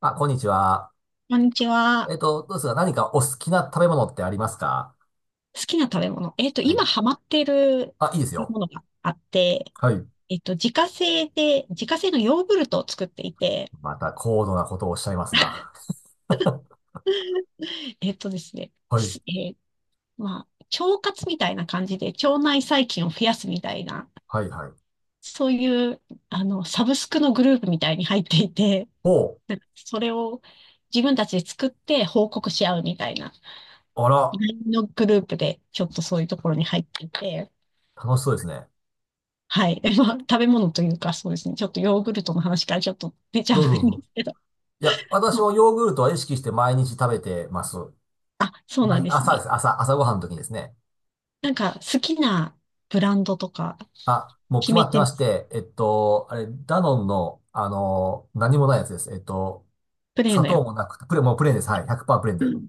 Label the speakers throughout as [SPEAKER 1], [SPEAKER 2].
[SPEAKER 1] あ、こんにちは。
[SPEAKER 2] こんにちは。
[SPEAKER 1] どうですか？何かお好きな食べ物ってありますか？
[SPEAKER 2] 好きな食べ物。
[SPEAKER 1] は
[SPEAKER 2] 今
[SPEAKER 1] い。
[SPEAKER 2] ハマってる
[SPEAKER 1] あ、いいですよ。
[SPEAKER 2] ものがあって、
[SPEAKER 1] はい。
[SPEAKER 2] 自家製のヨーグルトを作っていて、
[SPEAKER 1] また高度なことをおっしゃいますな。
[SPEAKER 2] えっとですね、
[SPEAKER 1] はい。
[SPEAKER 2] すえーまあ、腸活みたいな感じで、腸内細菌を増やすみたいな、
[SPEAKER 1] はい、はい。
[SPEAKER 2] そういう、サブスクのグループみたいに入っていて、
[SPEAKER 1] おう。
[SPEAKER 2] なんかそれを自分たちで作って報告し合うみたいな、
[SPEAKER 1] あ
[SPEAKER 2] ラ
[SPEAKER 1] ら、
[SPEAKER 2] インのグループで、ちょっとそういうところに入っていて、
[SPEAKER 1] 楽しそうですね。
[SPEAKER 2] はい。まあ、食べ物というか、そうですね。ちょっとヨーグルトの話からちょっと出ちゃうん
[SPEAKER 1] どう
[SPEAKER 2] で
[SPEAKER 1] ぞ
[SPEAKER 2] す
[SPEAKER 1] どうぞ。
[SPEAKER 2] けど。
[SPEAKER 1] いや、私
[SPEAKER 2] ま
[SPEAKER 1] もヨーグルトは意識して毎日食べてます。は
[SPEAKER 2] あ、あ、そうなん
[SPEAKER 1] い、
[SPEAKER 2] です
[SPEAKER 1] 朝で
[SPEAKER 2] ね。
[SPEAKER 1] す。朝ごはんの時にですね。
[SPEAKER 2] なんか、好きなブランドとか
[SPEAKER 1] あ、もう
[SPEAKER 2] 決
[SPEAKER 1] 決ま
[SPEAKER 2] め
[SPEAKER 1] って
[SPEAKER 2] て
[SPEAKER 1] ま
[SPEAKER 2] ま
[SPEAKER 1] し
[SPEAKER 2] す？
[SPEAKER 1] て、ダノンの、何もないやつです。
[SPEAKER 2] プレー
[SPEAKER 1] 砂
[SPEAKER 2] のや
[SPEAKER 1] 糖も
[SPEAKER 2] つ。
[SPEAKER 1] なくて、もうプレーンです。はい。100%プ
[SPEAKER 2] う
[SPEAKER 1] レーンで。
[SPEAKER 2] ん、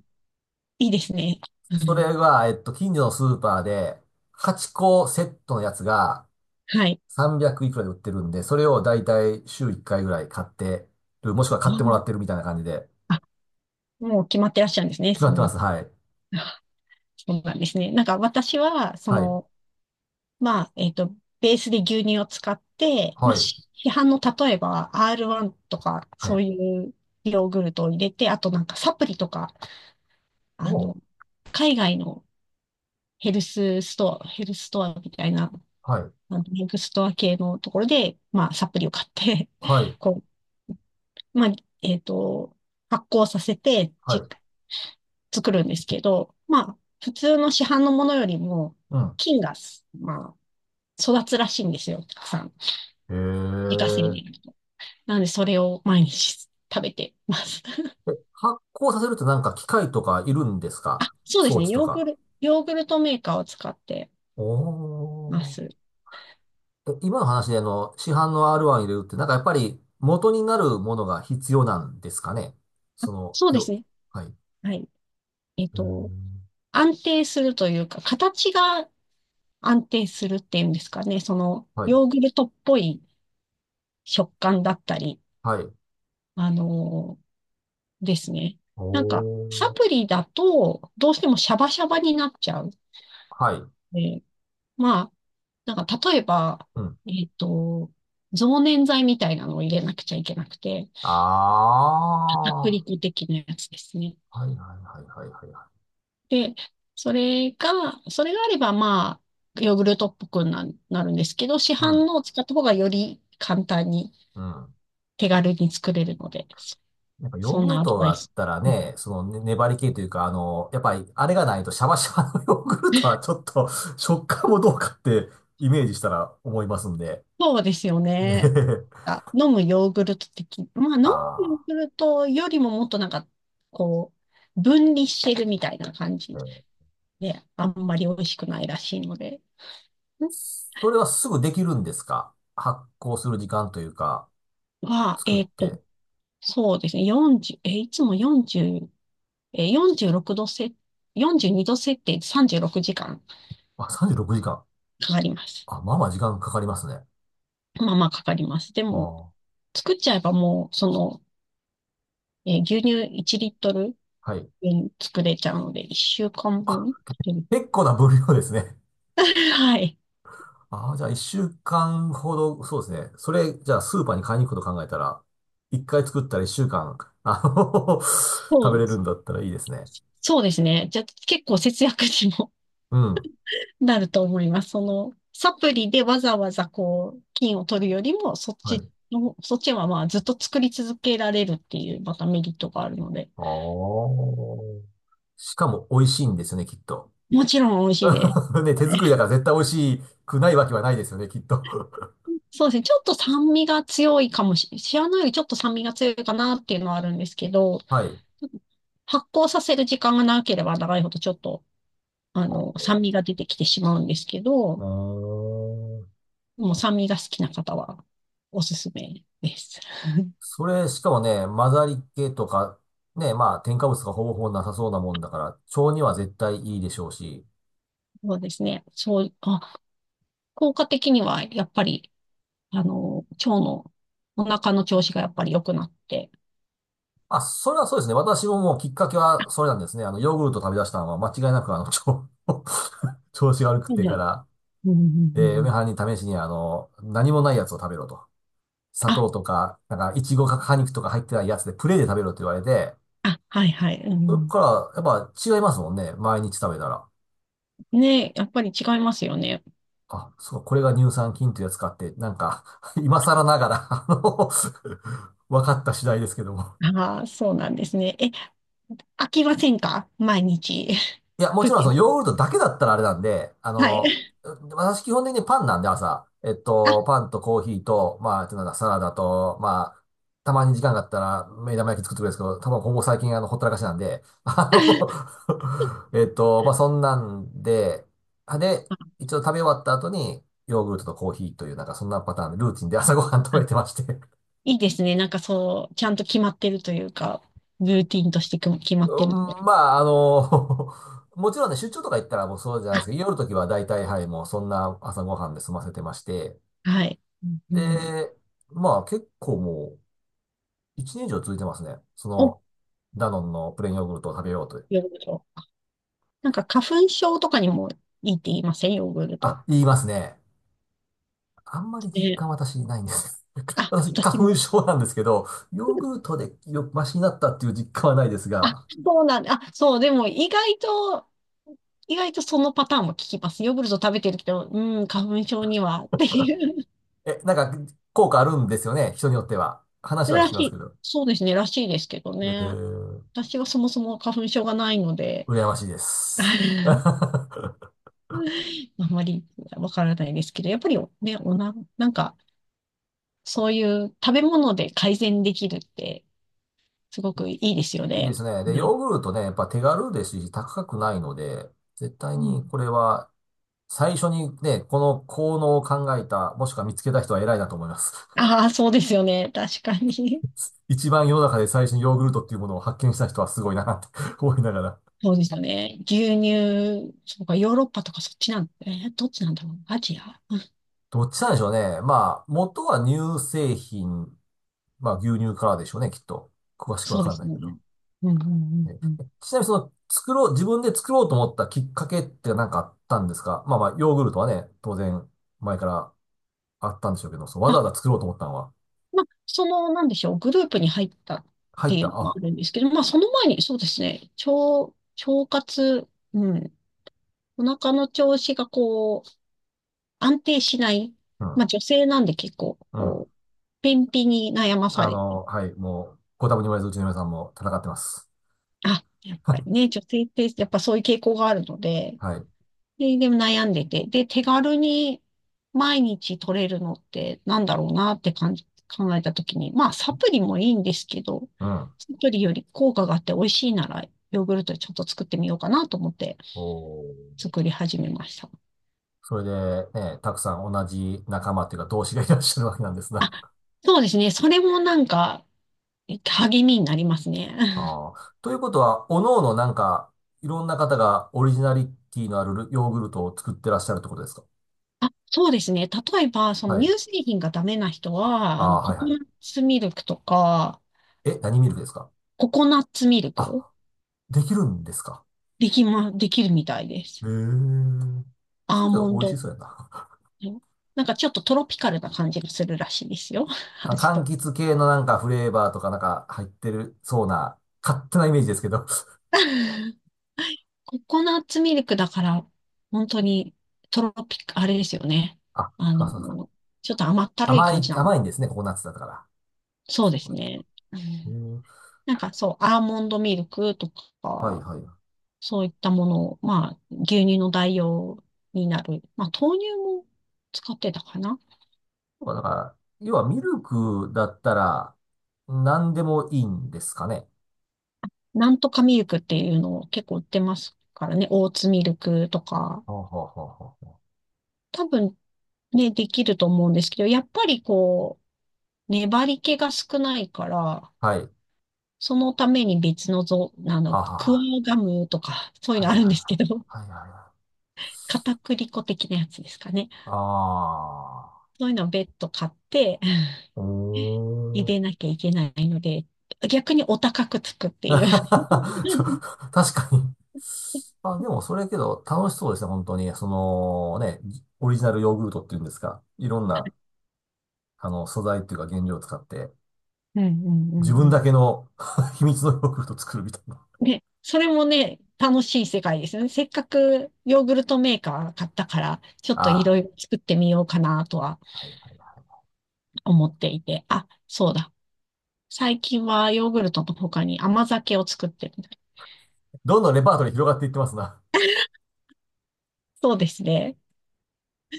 [SPEAKER 2] いいですね。う
[SPEAKER 1] それ
[SPEAKER 2] ん、
[SPEAKER 1] が、近所のスーパーで、8個セットのやつが
[SPEAKER 2] はい。
[SPEAKER 1] 300いくらで売ってるんで、それをだいたい週1回ぐらい買ってる、もしくは買っ
[SPEAKER 2] う
[SPEAKER 1] てもら
[SPEAKER 2] ん、
[SPEAKER 1] ってるみたいな感じで、
[SPEAKER 2] あ、もう決まってらっしゃるんですね。
[SPEAKER 1] 決ま
[SPEAKER 2] そ
[SPEAKER 1] ってま
[SPEAKER 2] の、
[SPEAKER 1] す。はい。
[SPEAKER 2] あ、そうなんですね。なんか、私は、そ
[SPEAKER 1] はい。
[SPEAKER 2] の、まあ、ベースで牛乳を使って、まあ、
[SPEAKER 1] はい。
[SPEAKER 2] 市販の例えば R1 とか、
[SPEAKER 1] は
[SPEAKER 2] そ
[SPEAKER 1] い。
[SPEAKER 2] ういうヨーグルトを入れて、あとなんかサプリとか、あ
[SPEAKER 1] お
[SPEAKER 2] の、
[SPEAKER 1] う。
[SPEAKER 2] 海外のヘルスストアみたいな、
[SPEAKER 1] はい。
[SPEAKER 2] あのヘルスストア系のところで、まあ、サプリを買って
[SPEAKER 1] はい。
[SPEAKER 2] こう、まあ、えっと、発酵させて、
[SPEAKER 1] はい。
[SPEAKER 2] 作るんですけど、まあ、普通の市販のものよりも、
[SPEAKER 1] うん。
[SPEAKER 2] 菌が、まあ、育つらしいんですよ、たくさん。自
[SPEAKER 1] へ
[SPEAKER 2] 家製で。
[SPEAKER 1] え。
[SPEAKER 2] なので、それを毎日食べてます。
[SPEAKER 1] え、発酵させるとなんか機械とかいるんです
[SPEAKER 2] あ、
[SPEAKER 1] か？
[SPEAKER 2] そうで
[SPEAKER 1] 装
[SPEAKER 2] すね。
[SPEAKER 1] 置とか。
[SPEAKER 2] ヨーグルトメーカーを使って
[SPEAKER 1] お
[SPEAKER 2] ま
[SPEAKER 1] ー。
[SPEAKER 2] す。
[SPEAKER 1] え、今の話で市販の R1 入れるって、なんかやっぱり元になるものが必要なんですかね？その、
[SPEAKER 2] そうです
[SPEAKER 1] よ、
[SPEAKER 2] ね。
[SPEAKER 1] はい。う
[SPEAKER 2] はい。えっ
[SPEAKER 1] ー
[SPEAKER 2] と、
[SPEAKER 1] ん。
[SPEAKER 2] 安定するというか、形が安定するっていうんですかね。その、
[SPEAKER 1] はい。
[SPEAKER 2] ヨーグルトっぽい食感だったり、
[SPEAKER 1] はい。
[SPEAKER 2] あのーですね。
[SPEAKER 1] お
[SPEAKER 2] なんか、サ
[SPEAKER 1] ー。
[SPEAKER 2] プリだと、どうしてもシャバシャバになっちゃう。
[SPEAKER 1] はい。
[SPEAKER 2] で、まあ、なんか、例えば、
[SPEAKER 1] うん。
[SPEAKER 2] えっと、増粘剤みたいなのを入れなくちゃいけなくて、
[SPEAKER 1] あ
[SPEAKER 2] 片栗粉的なやつですね。
[SPEAKER 1] ー、はいはいはいはいはいはい。
[SPEAKER 2] で、それが、それがあれば、まあ、ヨーグルトっぽくなるんですけど、市
[SPEAKER 1] う
[SPEAKER 2] 販
[SPEAKER 1] ん。
[SPEAKER 2] のを使った方がより簡単に
[SPEAKER 1] うん。
[SPEAKER 2] 手軽に作れるので、
[SPEAKER 1] やっぱヨー
[SPEAKER 2] そん
[SPEAKER 1] グル
[SPEAKER 2] なアド
[SPEAKER 1] ト
[SPEAKER 2] バ
[SPEAKER 1] だ
[SPEAKER 2] イ
[SPEAKER 1] っ
[SPEAKER 2] ス。
[SPEAKER 1] たら
[SPEAKER 2] うん、
[SPEAKER 1] ね、そのね、粘り気というか、やっぱりあれがないとシャバシャバのヨーグルトはちょっと 食感もどうかってイメージしたら思いますんで。
[SPEAKER 2] そうですよ
[SPEAKER 1] えへ
[SPEAKER 2] ね。
[SPEAKER 1] へ、
[SPEAKER 2] あ、飲むヨーグルト的、まあ、飲むヨ
[SPEAKER 1] あ
[SPEAKER 2] ーグルトよりももっとなんか、こう、分離してるみたいな感じ
[SPEAKER 1] ー
[SPEAKER 2] で、あんまり美味しくないらしいので、ん、
[SPEAKER 1] それはすぐできるんですか？発行する時間というか、
[SPEAKER 2] は、
[SPEAKER 1] 作っ
[SPEAKER 2] えっと、
[SPEAKER 1] て。
[SPEAKER 2] そうですね、40、え、いつも40、えー46度せ、42度設定で36時間
[SPEAKER 1] あ、36時間。
[SPEAKER 2] かかります。
[SPEAKER 1] あ、まあまあ時間かかりますね。
[SPEAKER 2] まあまあかかります。で
[SPEAKER 1] あ
[SPEAKER 2] も、
[SPEAKER 1] あ、
[SPEAKER 2] 作っちゃえばもう、その、えー牛乳1リットル
[SPEAKER 1] はい。
[SPEAKER 2] 分作れちゃうので、1週間
[SPEAKER 1] あ、
[SPEAKER 2] 分。うん、
[SPEAKER 1] 結構な分量ですね。
[SPEAKER 2] はい。
[SPEAKER 1] ああ、じゃあ1週間ほど、そうですね。それ、じゃあスーパーに買いに行くこと考えたら、1回作ったら1週間、
[SPEAKER 2] そ
[SPEAKER 1] 食べ
[SPEAKER 2] う、
[SPEAKER 1] れるんだったらいいですね。
[SPEAKER 2] そうですね。じゃあ結構節約にも
[SPEAKER 1] うん。
[SPEAKER 2] なると思います。その、サプリでわざわざこう、菌を取るよりも、
[SPEAKER 1] はい。
[SPEAKER 2] そっちはまあずっと作り続けられるっていう、またメリットがあるので、
[SPEAKER 1] ああ。しかも美味しいんですよね、きっと。
[SPEAKER 2] もちろん美味しいで
[SPEAKER 1] ね、手
[SPEAKER 2] す。
[SPEAKER 1] 作りだから絶対美味しくないわけはないですよね、きっと。
[SPEAKER 2] そうですね。ちょっと酸味が強いかもしれない。シアノよりちょっと酸味が強いかなっていうのはあるんですけど、
[SPEAKER 1] はい。
[SPEAKER 2] 発酵させる時間が長ければ長いほどちょっと、酸味が出てきてしまうんですけ
[SPEAKER 1] あ
[SPEAKER 2] ど、
[SPEAKER 1] ー
[SPEAKER 2] もう酸味が好きな方はおすすめです。
[SPEAKER 1] それ、しかもね、混ざり気とか、ね、まあ、添加物がほぼほぼなさそうなもんだから、腸には絶対いいでしょうし。
[SPEAKER 2] そうですね。そう、あ、効果的にはやっぱり、腸の、お腹の調子がやっぱり良くなって。
[SPEAKER 1] あ、それはそうですね。私ももうきっかけはそれなんですね。ヨーグルト食べ出したのは間違いなく腸、調子が悪くっ
[SPEAKER 2] はい
[SPEAKER 1] てか
[SPEAKER 2] はい、
[SPEAKER 1] ら。
[SPEAKER 2] うんうんう
[SPEAKER 1] で、
[SPEAKER 2] んう
[SPEAKER 1] 嫁はん
[SPEAKER 2] ん、
[SPEAKER 1] に試しに何もないやつを食べろと。砂
[SPEAKER 2] あ、
[SPEAKER 1] 糖とか、なんか、いちごか果肉とか入ってないやつでプレーで食べろって言われて、
[SPEAKER 2] あ、はいはい。う
[SPEAKER 1] それか
[SPEAKER 2] ん、
[SPEAKER 1] ら、やっぱ違いますもんね。毎日食べたら。
[SPEAKER 2] ね、やっぱり違いますよね。
[SPEAKER 1] あ、そう、これが乳酸菌というやつかって、なんか、今更ながら、分かった次第ですけども。
[SPEAKER 2] ああ、そうなんですね。え、飽きませんか毎日？
[SPEAKER 1] いや、も
[SPEAKER 2] プ
[SPEAKER 1] ちろん
[SPEAKER 2] リ
[SPEAKER 1] そ
[SPEAKER 2] ン、
[SPEAKER 1] のヨーグルトだけだったらあれなんで、
[SPEAKER 2] はい。
[SPEAKER 1] 私基本的にパンなんで朝、
[SPEAKER 2] あ、
[SPEAKER 1] パンとコーヒーと、まあ、あとなんだ、サラダと、まあ、たまに時間があったら目玉焼き作ってくれるんですけど、多分ほぼ最近ほったらかしなんで、まあそんなんで、で、
[SPEAKER 2] あ
[SPEAKER 1] 一応食べ終わった後に、ヨーグルトとコーヒーという、なんかそんなパターンでルーティンで朝ごはん食べて
[SPEAKER 2] あ、
[SPEAKER 1] まして、
[SPEAKER 2] いいですね。なんかそう、ちゃんと決まってるというか、ルーティンとしてく決まっ
[SPEAKER 1] う
[SPEAKER 2] てるの
[SPEAKER 1] ん、
[SPEAKER 2] で。
[SPEAKER 1] まあ、もちろんね、出張とか行ったらもうそうじゃないです
[SPEAKER 2] あ、
[SPEAKER 1] けど、夜の時は大体、はい、もうそんな朝ごはんで済ませてまして、
[SPEAKER 2] はい。うんうん、
[SPEAKER 1] で、まあ結構もう1年以上続いてますね。そ
[SPEAKER 2] お、
[SPEAKER 1] の、ダノンのプレーンヨーグルトを食べようという。
[SPEAKER 2] ヨーグルト。なんか花粉症とかにもいいって言いませんヨーグルト？
[SPEAKER 1] あ、言いますね。あんまり実
[SPEAKER 2] ね、
[SPEAKER 1] 感私ないんです。
[SPEAKER 2] あ、
[SPEAKER 1] 私、花
[SPEAKER 2] 私
[SPEAKER 1] 粉
[SPEAKER 2] も。
[SPEAKER 1] 症なんですけど、ヨーグルトでマシになったっていう実感はないです
[SPEAKER 2] あ、
[SPEAKER 1] が、
[SPEAKER 2] そうなんだ。あ、そう、でも意外と、意外とそのパターンも聞きます。ヨーグルト食べてるけど、うん、花粉症にはっていう。
[SPEAKER 1] え、なんか効果あるんですよね、人によっては。話は
[SPEAKER 2] ら
[SPEAKER 1] 聞き
[SPEAKER 2] し
[SPEAKER 1] ますけ
[SPEAKER 2] い。
[SPEAKER 1] ど。
[SPEAKER 2] そうですね、らしいですけどね。
[SPEAKER 1] え、
[SPEAKER 2] 私はそもそも花粉症がないので、
[SPEAKER 1] 羨ましいで
[SPEAKER 2] あ
[SPEAKER 1] す。
[SPEAKER 2] まりわからないですけど、やっぱりね、なんか、そういう食べ物で改善できるって、すごくいいですよ
[SPEAKER 1] いいで
[SPEAKER 2] ね。
[SPEAKER 1] すね。で、
[SPEAKER 2] は
[SPEAKER 1] ヨ
[SPEAKER 2] い。
[SPEAKER 1] ーグルトね、やっぱ手軽ですし、高くないので、絶対
[SPEAKER 2] うん、
[SPEAKER 1] にこれは、最初にね、この効能を考えた、もしくは見つけた人は偉いなと思います。
[SPEAKER 2] ああ、そうですよね。確かに。
[SPEAKER 1] 一番世の中で最初にヨーグルトっていうものを発見した人はすごいなって 思いながら。
[SPEAKER 2] そうですよね。牛乳、そうか、ヨーロッパとかそっちなん、どっちなんだろう。アジア？
[SPEAKER 1] どっちなんでしょうね。まあ、元は乳製品、まあ牛乳からでしょうね、きっと。詳しくわ
[SPEAKER 2] そうで
[SPEAKER 1] かん
[SPEAKER 2] す
[SPEAKER 1] ない
[SPEAKER 2] ね。
[SPEAKER 1] けど。
[SPEAKER 2] うんうんう ん
[SPEAKER 1] ね、
[SPEAKER 2] うん。
[SPEAKER 1] ちなみに作ろう、自分で作ろうと思ったきっかけって何かあったんですか？まあまあ、ヨーグルトはね、当然、前からあったんでしょうけど、そう、わざわざ作ろうと思ったのは、
[SPEAKER 2] まあ、その、なんでしょう、グループに入ったっ
[SPEAKER 1] 入
[SPEAKER 2] て
[SPEAKER 1] っ
[SPEAKER 2] いう
[SPEAKER 1] た、
[SPEAKER 2] のも
[SPEAKER 1] あ、
[SPEAKER 2] あるんですけど、まあ、その前に、そうですね、腸活、うん、お腹の調子がこう、安定しない。
[SPEAKER 1] う
[SPEAKER 2] ま
[SPEAKER 1] ん、
[SPEAKER 2] あ、女性なんで結構、
[SPEAKER 1] うん。
[SPEAKER 2] こう、便秘に悩まされて、
[SPEAKER 1] はい、もう、ご多分に言われず、うちの皆さんも戦ってます。
[SPEAKER 2] あ、やっ ぱ
[SPEAKER 1] は
[SPEAKER 2] り
[SPEAKER 1] い、
[SPEAKER 2] ね、女性ってやっぱそういう傾向があるので、
[SPEAKER 1] はい、
[SPEAKER 2] でも悩んでて。で、手軽に毎日取れるのってなんだろうなって感じ、考えたときに、まあサプリもいいんですけど、
[SPEAKER 1] うん。
[SPEAKER 2] サプリより効果があって美味しいなら、ヨーグルトちょっと作ってみようかなと思って
[SPEAKER 1] おー。
[SPEAKER 2] 作り始めました。
[SPEAKER 1] それで、ね、たくさん同じ仲間っていうか、同志がいらっしゃるわけなんですが。
[SPEAKER 2] あ、そうですね。それもなんか励みになりますね。
[SPEAKER 1] ああ。ということは、おのおのなんか、いろんな方がオリジナリティのあるヨーグルトを作ってらっしゃるってことですか？
[SPEAKER 2] あ、そうですね。例えば、そ
[SPEAKER 1] は
[SPEAKER 2] の
[SPEAKER 1] い。
[SPEAKER 2] 乳製品がダメな人は、
[SPEAKER 1] ああー、は
[SPEAKER 2] コ
[SPEAKER 1] い
[SPEAKER 2] コ
[SPEAKER 1] は
[SPEAKER 2] ナッ
[SPEAKER 1] い。
[SPEAKER 2] ツミルクとか、
[SPEAKER 1] え、何ミルクですか？
[SPEAKER 2] ココナッツミルク、
[SPEAKER 1] あ、できるんですか？
[SPEAKER 2] できるみたいで
[SPEAKER 1] へ
[SPEAKER 2] す。
[SPEAKER 1] え。
[SPEAKER 2] ア
[SPEAKER 1] そ
[SPEAKER 2] ー
[SPEAKER 1] れけど
[SPEAKER 2] モン
[SPEAKER 1] 美味し
[SPEAKER 2] ド。
[SPEAKER 1] そうやな。
[SPEAKER 2] なんかちょっとトロピカルな感じがするらしいですよ。
[SPEAKER 1] あ、
[SPEAKER 2] 味
[SPEAKER 1] 柑
[SPEAKER 2] と。
[SPEAKER 1] 橘系のなんかフレーバーとかなんか入ってるそうな、勝手なイメージですけど。
[SPEAKER 2] ココナッツミルクだから、本当にトロピカ、あれですよね。
[SPEAKER 1] あ、
[SPEAKER 2] あ
[SPEAKER 1] そうか
[SPEAKER 2] の、
[SPEAKER 1] そうか。
[SPEAKER 2] ちょっと甘ったるい
[SPEAKER 1] 甘
[SPEAKER 2] 感
[SPEAKER 1] い、
[SPEAKER 2] じなの。
[SPEAKER 1] 甘いんですね、ココナッツだから。
[SPEAKER 2] そう
[SPEAKER 1] そ
[SPEAKER 2] で
[SPEAKER 1] う
[SPEAKER 2] す
[SPEAKER 1] か。
[SPEAKER 2] ね。う
[SPEAKER 1] へえ。
[SPEAKER 2] ん、なんかそう、アーモンドミルクと
[SPEAKER 1] はい
[SPEAKER 2] か、
[SPEAKER 1] はい。そ
[SPEAKER 2] そういったものを、まあ、牛乳の代用になる。まあ、豆乳も使ってたかな。
[SPEAKER 1] うか、だから、要はミルクだったら何でもいいんですかね。
[SPEAKER 2] なんとかミルクっていうのを結構売ってますからね。オーツミルクとか。
[SPEAKER 1] はあはあはあは
[SPEAKER 2] 多分ね、できると思うんですけど、やっぱりこう、粘り気が少ないから、
[SPEAKER 1] あ。はい。
[SPEAKER 2] そのために別のぞ、なんだ、
[SPEAKER 1] あは
[SPEAKER 2] クワ
[SPEAKER 1] は、
[SPEAKER 2] ガムとか、そういう
[SPEAKER 1] は
[SPEAKER 2] の
[SPEAKER 1] い
[SPEAKER 2] あ
[SPEAKER 1] はい
[SPEAKER 2] るん
[SPEAKER 1] はい。
[SPEAKER 2] ですけど、
[SPEAKER 1] はいはいはい。
[SPEAKER 2] 片栗粉的なやつですかね。
[SPEAKER 1] ああ。
[SPEAKER 2] そういうのを別途買って、
[SPEAKER 1] お
[SPEAKER 2] 入
[SPEAKER 1] ー。
[SPEAKER 2] れなきゃいけないので、逆にお高くつくっ ていう。
[SPEAKER 1] 確かに。あ、でもそれけど楽しそうですね、本当に。そのね、オリジナルヨーグルトっていうんですか。いろんな、素材っていうか原料を使って、
[SPEAKER 2] うんうんう
[SPEAKER 1] 自
[SPEAKER 2] んう
[SPEAKER 1] 分
[SPEAKER 2] ん。
[SPEAKER 1] だけの 秘密のヨーグルトを作るみたいな。
[SPEAKER 2] ね、それもね、楽しい世界ですよね。せっかくヨーグルトメーカー買ったから、ちょっとい
[SPEAKER 1] あ
[SPEAKER 2] ろいろ作ってみようかなとは
[SPEAKER 1] あ、はいはいはい。
[SPEAKER 2] 思っていて、あ、そうだ。最近はヨーグルトの他に甘酒を作ってるみたい。
[SPEAKER 1] どんどんレパートリー広がっていってますな。
[SPEAKER 2] そうですね。